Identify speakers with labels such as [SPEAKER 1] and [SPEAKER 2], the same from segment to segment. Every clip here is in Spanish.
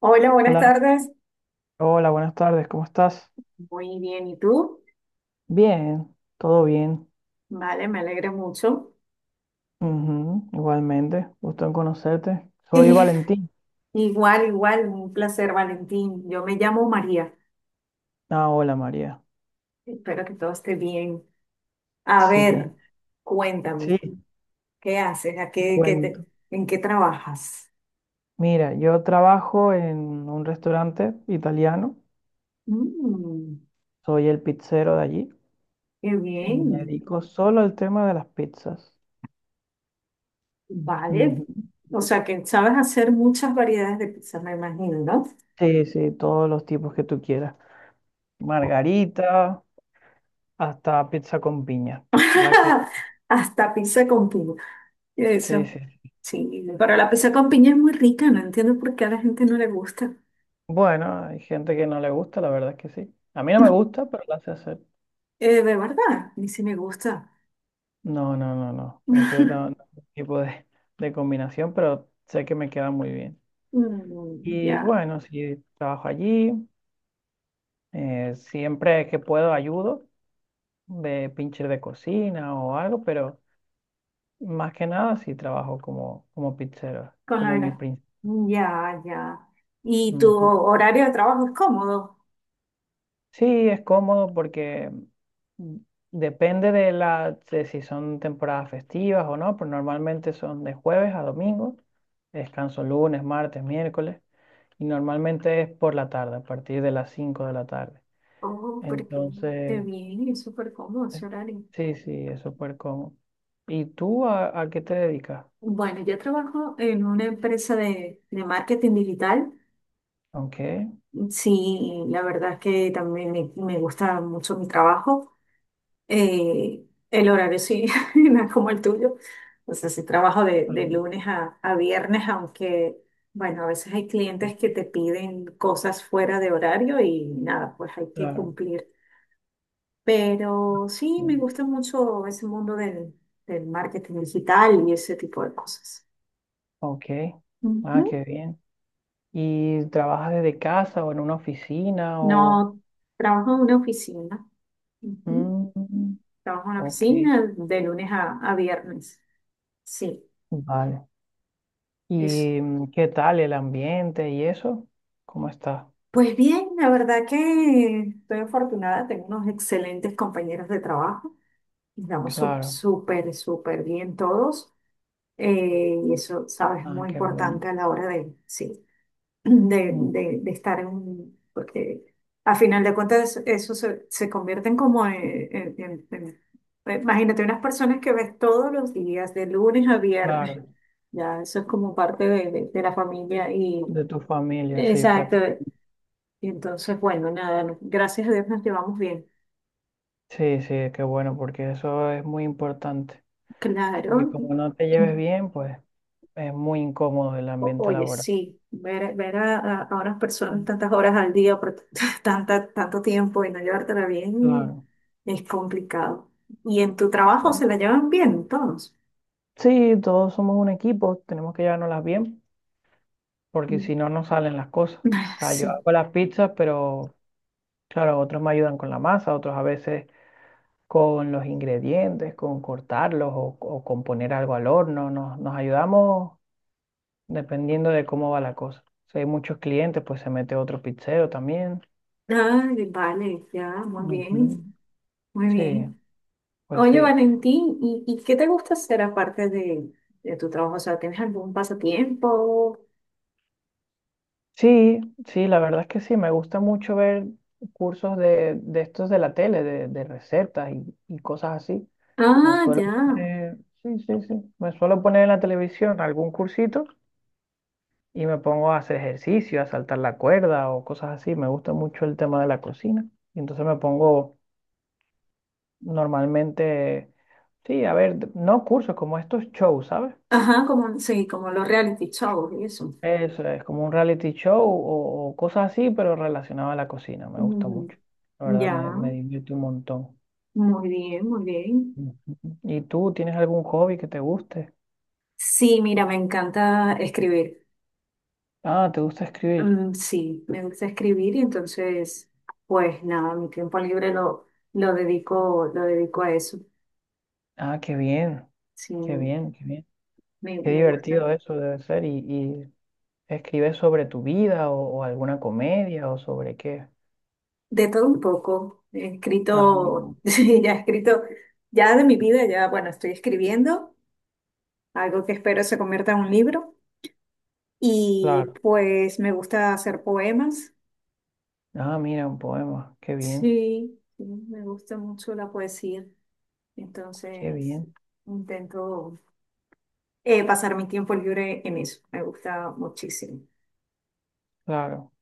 [SPEAKER 1] Hola, buenas
[SPEAKER 2] Hola,
[SPEAKER 1] tardes.
[SPEAKER 2] hola, buenas tardes, ¿cómo estás?
[SPEAKER 1] Muy bien, ¿y tú?
[SPEAKER 2] Bien, todo bien.
[SPEAKER 1] Vale, me alegra mucho.
[SPEAKER 2] Ujú, igualmente, gusto en conocerte. Soy
[SPEAKER 1] Eh,
[SPEAKER 2] Valentín.
[SPEAKER 1] igual, igual, un placer, Valentín. Yo me llamo María.
[SPEAKER 2] Ah, hola María.
[SPEAKER 1] Espero que todo esté bien. A
[SPEAKER 2] Sí,
[SPEAKER 1] ver, cuéntame,
[SPEAKER 2] sí,
[SPEAKER 1] ¿qué haces? ¿A
[SPEAKER 2] te
[SPEAKER 1] qué,
[SPEAKER 2] cuento.
[SPEAKER 1] en qué trabajas?
[SPEAKER 2] Mira, yo trabajo en un restaurante italiano,
[SPEAKER 1] Mm,
[SPEAKER 2] soy el pizzero de allí
[SPEAKER 1] qué
[SPEAKER 2] y me
[SPEAKER 1] bien.
[SPEAKER 2] dedico solo al tema de las pizzas.
[SPEAKER 1] Vale.
[SPEAKER 2] Ujú.
[SPEAKER 1] O sea, que sabes hacer muchas variedades de pizza, me imagino, ¿no?
[SPEAKER 2] Sí, sí, todos los tipos que tú quieras. Margarita, hasta pizza con piña. La que,
[SPEAKER 1] Hasta pizza con piña.
[SPEAKER 2] sí,
[SPEAKER 1] Eso,
[SPEAKER 2] sí,
[SPEAKER 1] sí, pero la pizza con piña es muy rica, no entiendo por qué a la gente no le gusta.
[SPEAKER 2] bueno, hay gente que no le gusta, la verdad es que sí. A mí no me gusta, pero la sé hacer.
[SPEAKER 1] De verdad, ni si me gusta.
[SPEAKER 2] No, no, no, no. Ese no, no es mi tipo de combinación, pero sé que me queda muy bien.
[SPEAKER 1] Mm,
[SPEAKER 2] Y
[SPEAKER 1] ya,
[SPEAKER 2] bueno, sí, trabajo allí. Siempre que puedo ayudo de pincher de cocina o algo, pero más que nada sí trabajo como, como pizzero,
[SPEAKER 1] con la
[SPEAKER 2] como mi
[SPEAKER 1] verdad.
[SPEAKER 2] principal.
[SPEAKER 1] Ya, ya. ¿Y tu horario de trabajo es cómodo?
[SPEAKER 2] Sí, es cómodo porque mm, depende de la de si son temporadas festivas o no, pero normalmente son de jueves a domingo, descanso lunes, martes, miércoles, y normalmente es por la tarde, a partir de las 5 de la tarde.
[SPEAKER 1] Oh, pero qué
[SPEAKER 2] Entonces,
[SPEAKER 1] bien, es súper cómodo
[SPEAKER 2] es-
[SPEAKER 1] ese horario.
[SPEAKER 2] sí, sí, es súper cómodo. ¿Y tú a qué te dedicas?
[SPEAKER 1] Bueno, yo trabajo en una empresa de marketing digital.
[SPEAKER 2] Ok.
[SPEAKER 1] Sí, la verdad es que también me gusta mucho mi trabajo. Eh, el horario sí, no es como el tuyo. O sea, sí trabajo de
[SPEAKER 2] Mm,
[SPEAKER 1] lunes a viernes, aunque, bueno, a veces hay clientes que te piden cosas fuera de horario y nada, pues hay que
[SPEAKER 2] claro.
[SPEAKER 1] cumplir. Pero sí,
[SPEAKER 2] Mm,
[SPEAKER 1] me gusta mucho ese mundo del marketing digital y ese tipo de cosas.
[SPEAKER 2] ok, ah,
[SPEAKER 1] Ujú.
[SPEAKER 2] qué bien. ¿Y trabajas desde casa o en una oficina o...?
[SPEAKER 1] No, trabajo en una oficina. Ujú.
[SPEAKER 2] Mm,
[SPEAKER 1] Trabajo en una
[SPEAKER 2] ok,
[SPEAKER 1] oficina de lunes a viernes. Sí,
[SPEAKER 2] vale.
[SPEAKER 1] es.
[SPEAKER 2] ¿Y qué tal el ambiente y eso? ¿Cómo está?
[SPEAKER 1] Pues bien, la verdad que estoy afortunada, tengo unos excelentes compañeros de trabajo, estamos sup-
[SPEAKER 2] Claro.
[SPEAKER 1] súper, súper bien todos, y eso, sabes, es
[SPEAKER 2] Ah,
[SPEAKER 1] muy
[SPEAKER 2] qué bueno.
[SPEAKER 1] importante a la hora de, sí, de,
[SPEAKER 2] Mm,
[SPEAKER 1] de- de estar en un, porque a final de cuentas eso se convierten como en, en- en- en- imagínate unas personas que ves todos los días, de lunes a viernes,
[SPEAKER 2] claro,
[SPEAKER 1] ya eso es como parte de de la familia y...
[SPEAKER 2] de tu familia, sí,
[SPEAKER 1] Exacto.
[SPEAKER 2] prácticamente.
[SPEAKER 1] Y entonces, bueno, nada, gracias a Dios nos llevamos bien.
[SPEAKER 2] Sí, sí, qué bueno, porque eso es muy importante. Porque
[SPEAKER 1] Claro.
[SPEAKER 2] como no te lleves bien, pues es muy incómodo el ambiente
[SPEAKER 1] Oye,
[SPEAKER 2] laboral.
[SPEAKER 1] sí, ver a unas personas
[SPEAKER 2] Mm,
[SPEAKER 1] tantas horas al día por tanto tiempo y no llevártela bien
[SPEAKER 2] claro.
[SPEAKER 1] es complicado. Y en tu trabajo
[SPEAKER 2] Claro.
[SPEAKER 1] se la llevan bien todos.
[SPEAKER 2] Sí, todos somos un equipo, tenemos que llevárnoslas bien, porque si no, no salen las cosas.
[SPEAKER 1] Mm. Ah,
[SPEAKER 2] O sea, yo
[SPEAKER 1] sí.
[SPEAKER 2] hago las pizzas, pero claro, otros me ayudan con la masa, otros a veces con los ingredientes, con cortarlos o con poner algo al horno. Nos ayudamos dependiendo de cómo va la cosa. Si hay muchos clientes, pues se mete otro pizzero también.
[SPEAKER 1] Ay, vale, ya, muy
[SPEAKER 2] Ujú.
[SPEAKER 1] bien, muy
[SPEAKER 2] Sí,
[SPEAKER 1] bien.
[SPEAKER 2] pues
[SPEAKER 1] Oye,
[SPEAKER 2] sí.
[SPEAKER 1] Valentín, ¿ y qué te gusta hacer aparte de tu trabajo? O sea, ¿tienes algún pasatiempo?
[SPEAKER 2] Sí, sí, la verdad es que sí, me gusta mucho ver cursos de estos de la tele, de recetas y cosas así. Me
[SPEAKER 1] Ah,
[SPEAKER 2] suelo
[SPEAKER 1] ya.
[SPEAKER 2] poner, sí, sí, sí, me suelo poner en la televisión algún cursito. Y me pongo a hacer ejercicio, a saltar la cuerda o cosas así. Me gusta mucho el tema de la cocina. Y entonces me pongo normalmente, sí, a ver, no cursos, como estos shows, ¿sabes?
[SPEAKER 1] Ajá, como, sí, como los reality shows y eso.
[SPEAKER 2] Eso es como un reality show o cosas así, pero relacionado a la cocina. Me gusta
[SPEAKER 1] Ujú.
[SPEAKER 2] mucho. La verdad
[SPEAKER 1] Ya,
[SPEAKER 2] me divierte un montón.
[SPEAKER 1] muy bien, muy bien.
[SPEAKER 2] Ujú. ¿Y tú tienes algún hobby que te guste?
[SPEAKER 1] Sí, mira, me encanta escribir.
[SPEAKER 2] Ah, ¿te gusta escribir?
[SPEAKER 1] Mm, sí, me gusta escribir y entonces, pues nada, mi tiempo libre lo dedico a eso.
[SPEAKER 2] Ah, qué bien,
[SPEAKER 1] Sí,
[SPEAKER 2] qué bien, qué bien. Qué
[SPEAKER 1] me gusta.
[SPEAKER 2] divertido eso debe ser. Y, ¿escribes sobre tu vida o alguna comedia o sobre qué?
[SPEAKER 1] De todo un poco. He
[SPEAKER 2] Ah no,
[SPEAKER 1] escrito, sí, ya he escrito, ya de mi vida, ya, bueno, estoy escribiendo algo que espero se convierta en un libro. Y
[SPEAKER 2] claro.
[SPEAKER 1] pues me gusta hacer poemas.
[SPEAKER 2] Ah, mira, un poema.
[SPEAKER 1] Sí, sí, me gusta mucho la poesía.
[SPEAKER 2] Qué
[SPEAKER 1] Entonces,
[SPEAKER 2] bien,
[SPEAKER 1] intento pasar mi tiempo libre en eso. Me gusta muchísimo.
[SPEAKER 2] claro,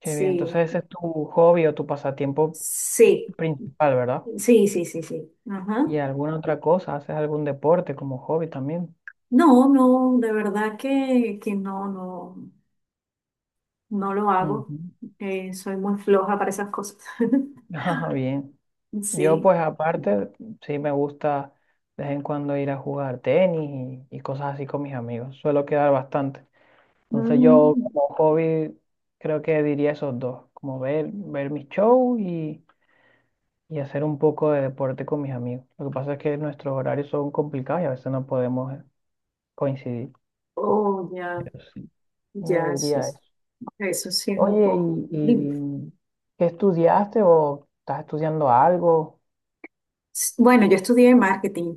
[SPEAKER 2] qué bien.
[SPEAKER 1] Sí,
[SPEAKER 2] Entonces ese es tu hobby o tu pasatiempo
[SPEAKER 1] sí,
[SPEAKER 2] principal, ¿verdad?
[SPEAKER 1] sí, sí, sí, sí. Ajá.
[SPEAKER 2] ¿Y alguna otra cosa? ¿Haces algún deporte como hobby también?
[SPEAKER 1] No, no, de verdad que no, no, no lo hago.
[SPEAKER 2] Ujú.
[SPEAKER 1] Soy muy floja para esas cosas.
[SPEAKER 2] Ah, bien. Yo
[SPEAKER 1] Sí.
[SPEAKER 2] pues aparte, sí me gusta de vez en cuando ir a jugar tenis y cosas así con mis amigos. Suelo quedar bastante. Entonces yo
[SPEAKER 1] Mm,
[SPEAKER 2] como hobby creo que diría esos dos, como ver, ver mis shows y hacer un poco de deporte con mis amigos. Lo que pasa es que nuestros horarios son complicados y a veces no podemos coincidir.
[SPEAKER 1] oh, ya,
[SPEAKER 2] Pero sí, yo
[SPEAKER 1] ya,
[SPEAKER 2] diría eso.
[SPEAKER 1] eso sí es un
[SPEAKER 2] Oye,
[SPEAKER 1] poco. Dime.
[SPEAKER 2] y qué estudiaste o estás estudiando algo?
[SPEAKER 1] Bueno, yo estudié marketing.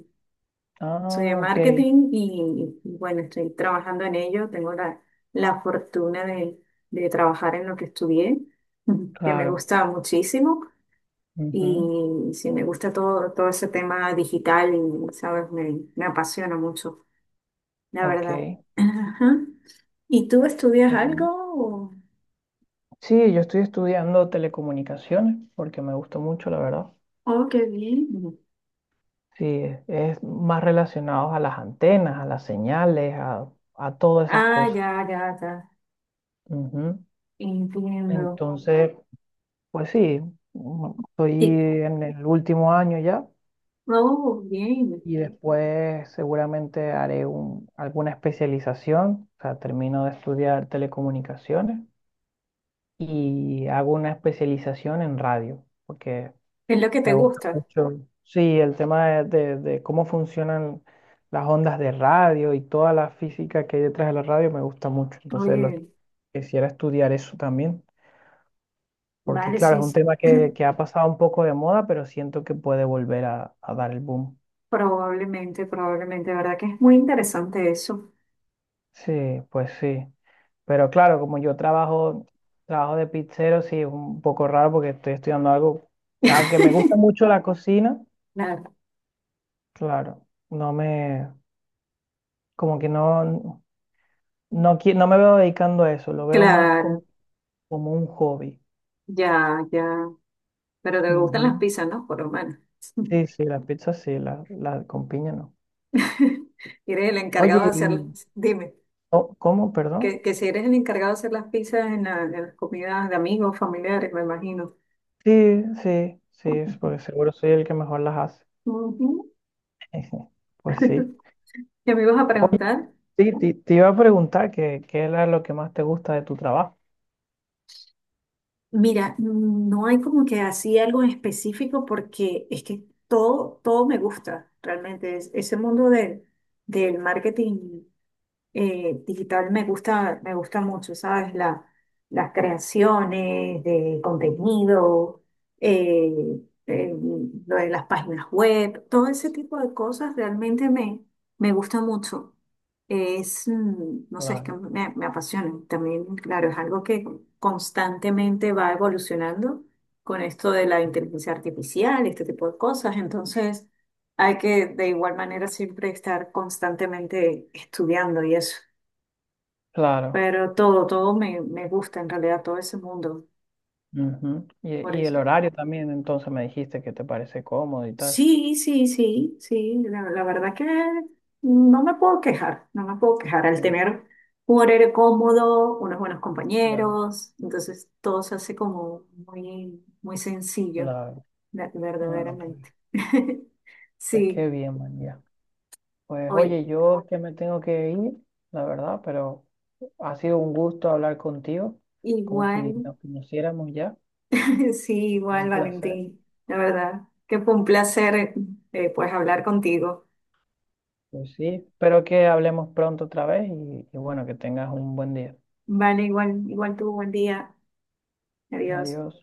[SPEAKER 1] Estudié
[SPEAKER 2] Ah, ok,
[SPEAKER 1] marketing y bueno, estoy trabajando en ello. Tengo la fortuna de trabajar en lo que estudié, que me
[SPEAKER 2] claro.
[SPEAKER 1] gusta muchísimo.
[SPEAKER 2] Ujú,
[SPEAKER 1] Y sí, me gusta todo, todo ese tema digital y, ¿sabes? Me apasiona mucho, la
[SPEAKER 2] ok, qué
[SPEAKER 1] verdad. Ajá. ¿Y tú estudias algo?
[SPEAKER 2] bien.
[SPEAKER 1] O-
[SPEAKER 2] Sí, yo estoy estudiando telecomunicaciones porque me gusta mucho, la verdad.
[SPEAKER 1] Oh, qué bien.
[SPEAKER 2] Sí, es más relacionados a las antenas, a las señales, a todas esas
[SPEAKER 1] Ah,
[SPEAKER 2] cosas.
[SPEAKER 1] ya, ya, ya.
[SPEAKER 2] Ujú.
[SPEAKER 1] Entiendo.
[SPEAKER 2] Entonces, pues sí, estoy
[SPEAKER 1] Y,
[SPEAKER 2] en el último año ya
[SPEAKER 1] oh, bien.
[SPEAKER 2] y después seguramente haré alguna especialización, o sea, termino de estudiar telecomunicaciones y hago una especialización en radio, porque
[SPEAKER 1] Es lo que
[SPEAKER 2] me
[SPEAKER 1] te
[SPEAKER 2] gusta
[SPEAKER 1] gusta.
[SPEAKER 2] mucho, sí, el tema de, de cómo funcionan las ondas de radio y toda la física que hay detrás de la radio me gusta mucho. Entonces, lo,
[SPEAKER 1] Oye,
[SPEAKER 2] quisiera estudiar eso también, porque
[SPEAKER 1] vale,
[SPEAKER 2] claro,
[SPEAKER 1] sí.
[SPEAKER 2] es un tema que ha pasado un poco de moda, pero siento que puede volver a dar el boom.
[SPEAKER 1] Probablemente, probablemente, ¿verdad? Que es muy interesante eso.
[SPEAKER 2] Sí, pues sí. Pero claro, como yo trabajo, trabajo de pizzero, sí, es un poco raro porque estoy estudiando algo, aunque me gusta mucho la cocina,
[SPEAKER 1] Claro,
[SPEAKER 2] claro, no me, como que no. No, no me veo dedicando a eso, lo veo más
[SPEAKER 1] claro,
[SPEAKER 2] como un hobby.
[SPEAKER 1] ya, ya. Pero te gustan
[SPEAKER 2] Ujú.
[SPEAKER 1] las pizzas, ¿no? Por lo menos.
[SPEAKER 2] Sí, sí, las pizzas sí, las la con piña no.
[SPEAKER 1] Eres el
[SPEAKER 2] Oye,
[SPEAKER 1] encargado de hacerlas.
[SPEAKER 2] y
[SPEAKER 1] Dime,
[SPEAKER 2] oh, ¿cómo? Perdón.
[SPEAKER 1] que si eres el encargado de hacer las pizzas en, en las comidas de amigos, familiares, me imagino.
[SPEAKER 2] Sí, sí, sí, es porque seguro soy el que mejor las hace.
[SPEAKER 1] Ujú.
[SPEAKER 2] Pues sí.
[SPEAKER 1] ¿Qué me ibas a preguntar?
[SPEAKER 2] Sí, te iba a preguntar qué era lo que más te gusta de tu trabajo.
[SPEAKER 1] Mira, no hay como que así algo en específico porque es que todo, todo me gusta realmente. Ese mundo de, del marketing digital me gusta mucho, ¿sabes? La, las creaciones de contenido, eh, eh, lo de las páginas web, todo ese tipo de cosas realmente me gusta mucho. Es, mm, no sé, es que
[SPEAKER 2] Claro,
[SPEAKER 1] me apasiona. También, claro, es algo que constantemente va evolucionando con esto de la inteligencia artificial, este tipo de cosas. Entonces, hay que de igual manera siempre estar constantemente estudiando y eso.
[SPEAKER 2] claro.
[SPEAKER 1] Pero todo, todo me gusta en realidad, todo ese mundo,
[SPEAKER 2] Ujú.
[SPEAKER 1] por
[SPEAKER 2] Y el
[SPEAKER 1] eso.
[SPEAKER 2] horario también, entonces me dijiste que te parece cómodo y tal.
[SPEAKER 1] Sí, sí, sí, sí, la verdad que no me puedo quejar, no me puedo quejar al
[SPEAKER 2] Ujú.
[SPEAKER 1] tener un horario cómodo, unos buenos
[SPEAKER 2] Claro,
[SPEAKER 1] compañeros, entonces todo se hace como muy, muy sencillo,
[SPEAKER 2] claro. No, no, pues,
[SPEAKER 1] verdaderamente.
[SPEAKER 2] pues qué
[SPEAKER 1] Sí,
[SPEAKER 2] bien, man, ya. Pues
[SPEAKER 1] oye,
[SPEAKER 2] oye, yo es que me tengo que ir, la verdad, pero ha sido un gusto hablar contigo, como si
[SPEAKER 1] igual,
[SPEAKER 2] nos conociéramos ya,
[SPEAKER 1] sí, igual,
[SPEAKER 2] un placer.
[SPEAKER 1] Valentín, la verdad que fue un placer, pues, hablar contigo.
[SPEAKER 2] Pues sí, espero que hablemos pronto otra vez y bueno, que tengas un buen día.
[SPEAKER 1] Vale, igual, igual tú, buen día. Adiós.
[SPEAKER 2] Adiós.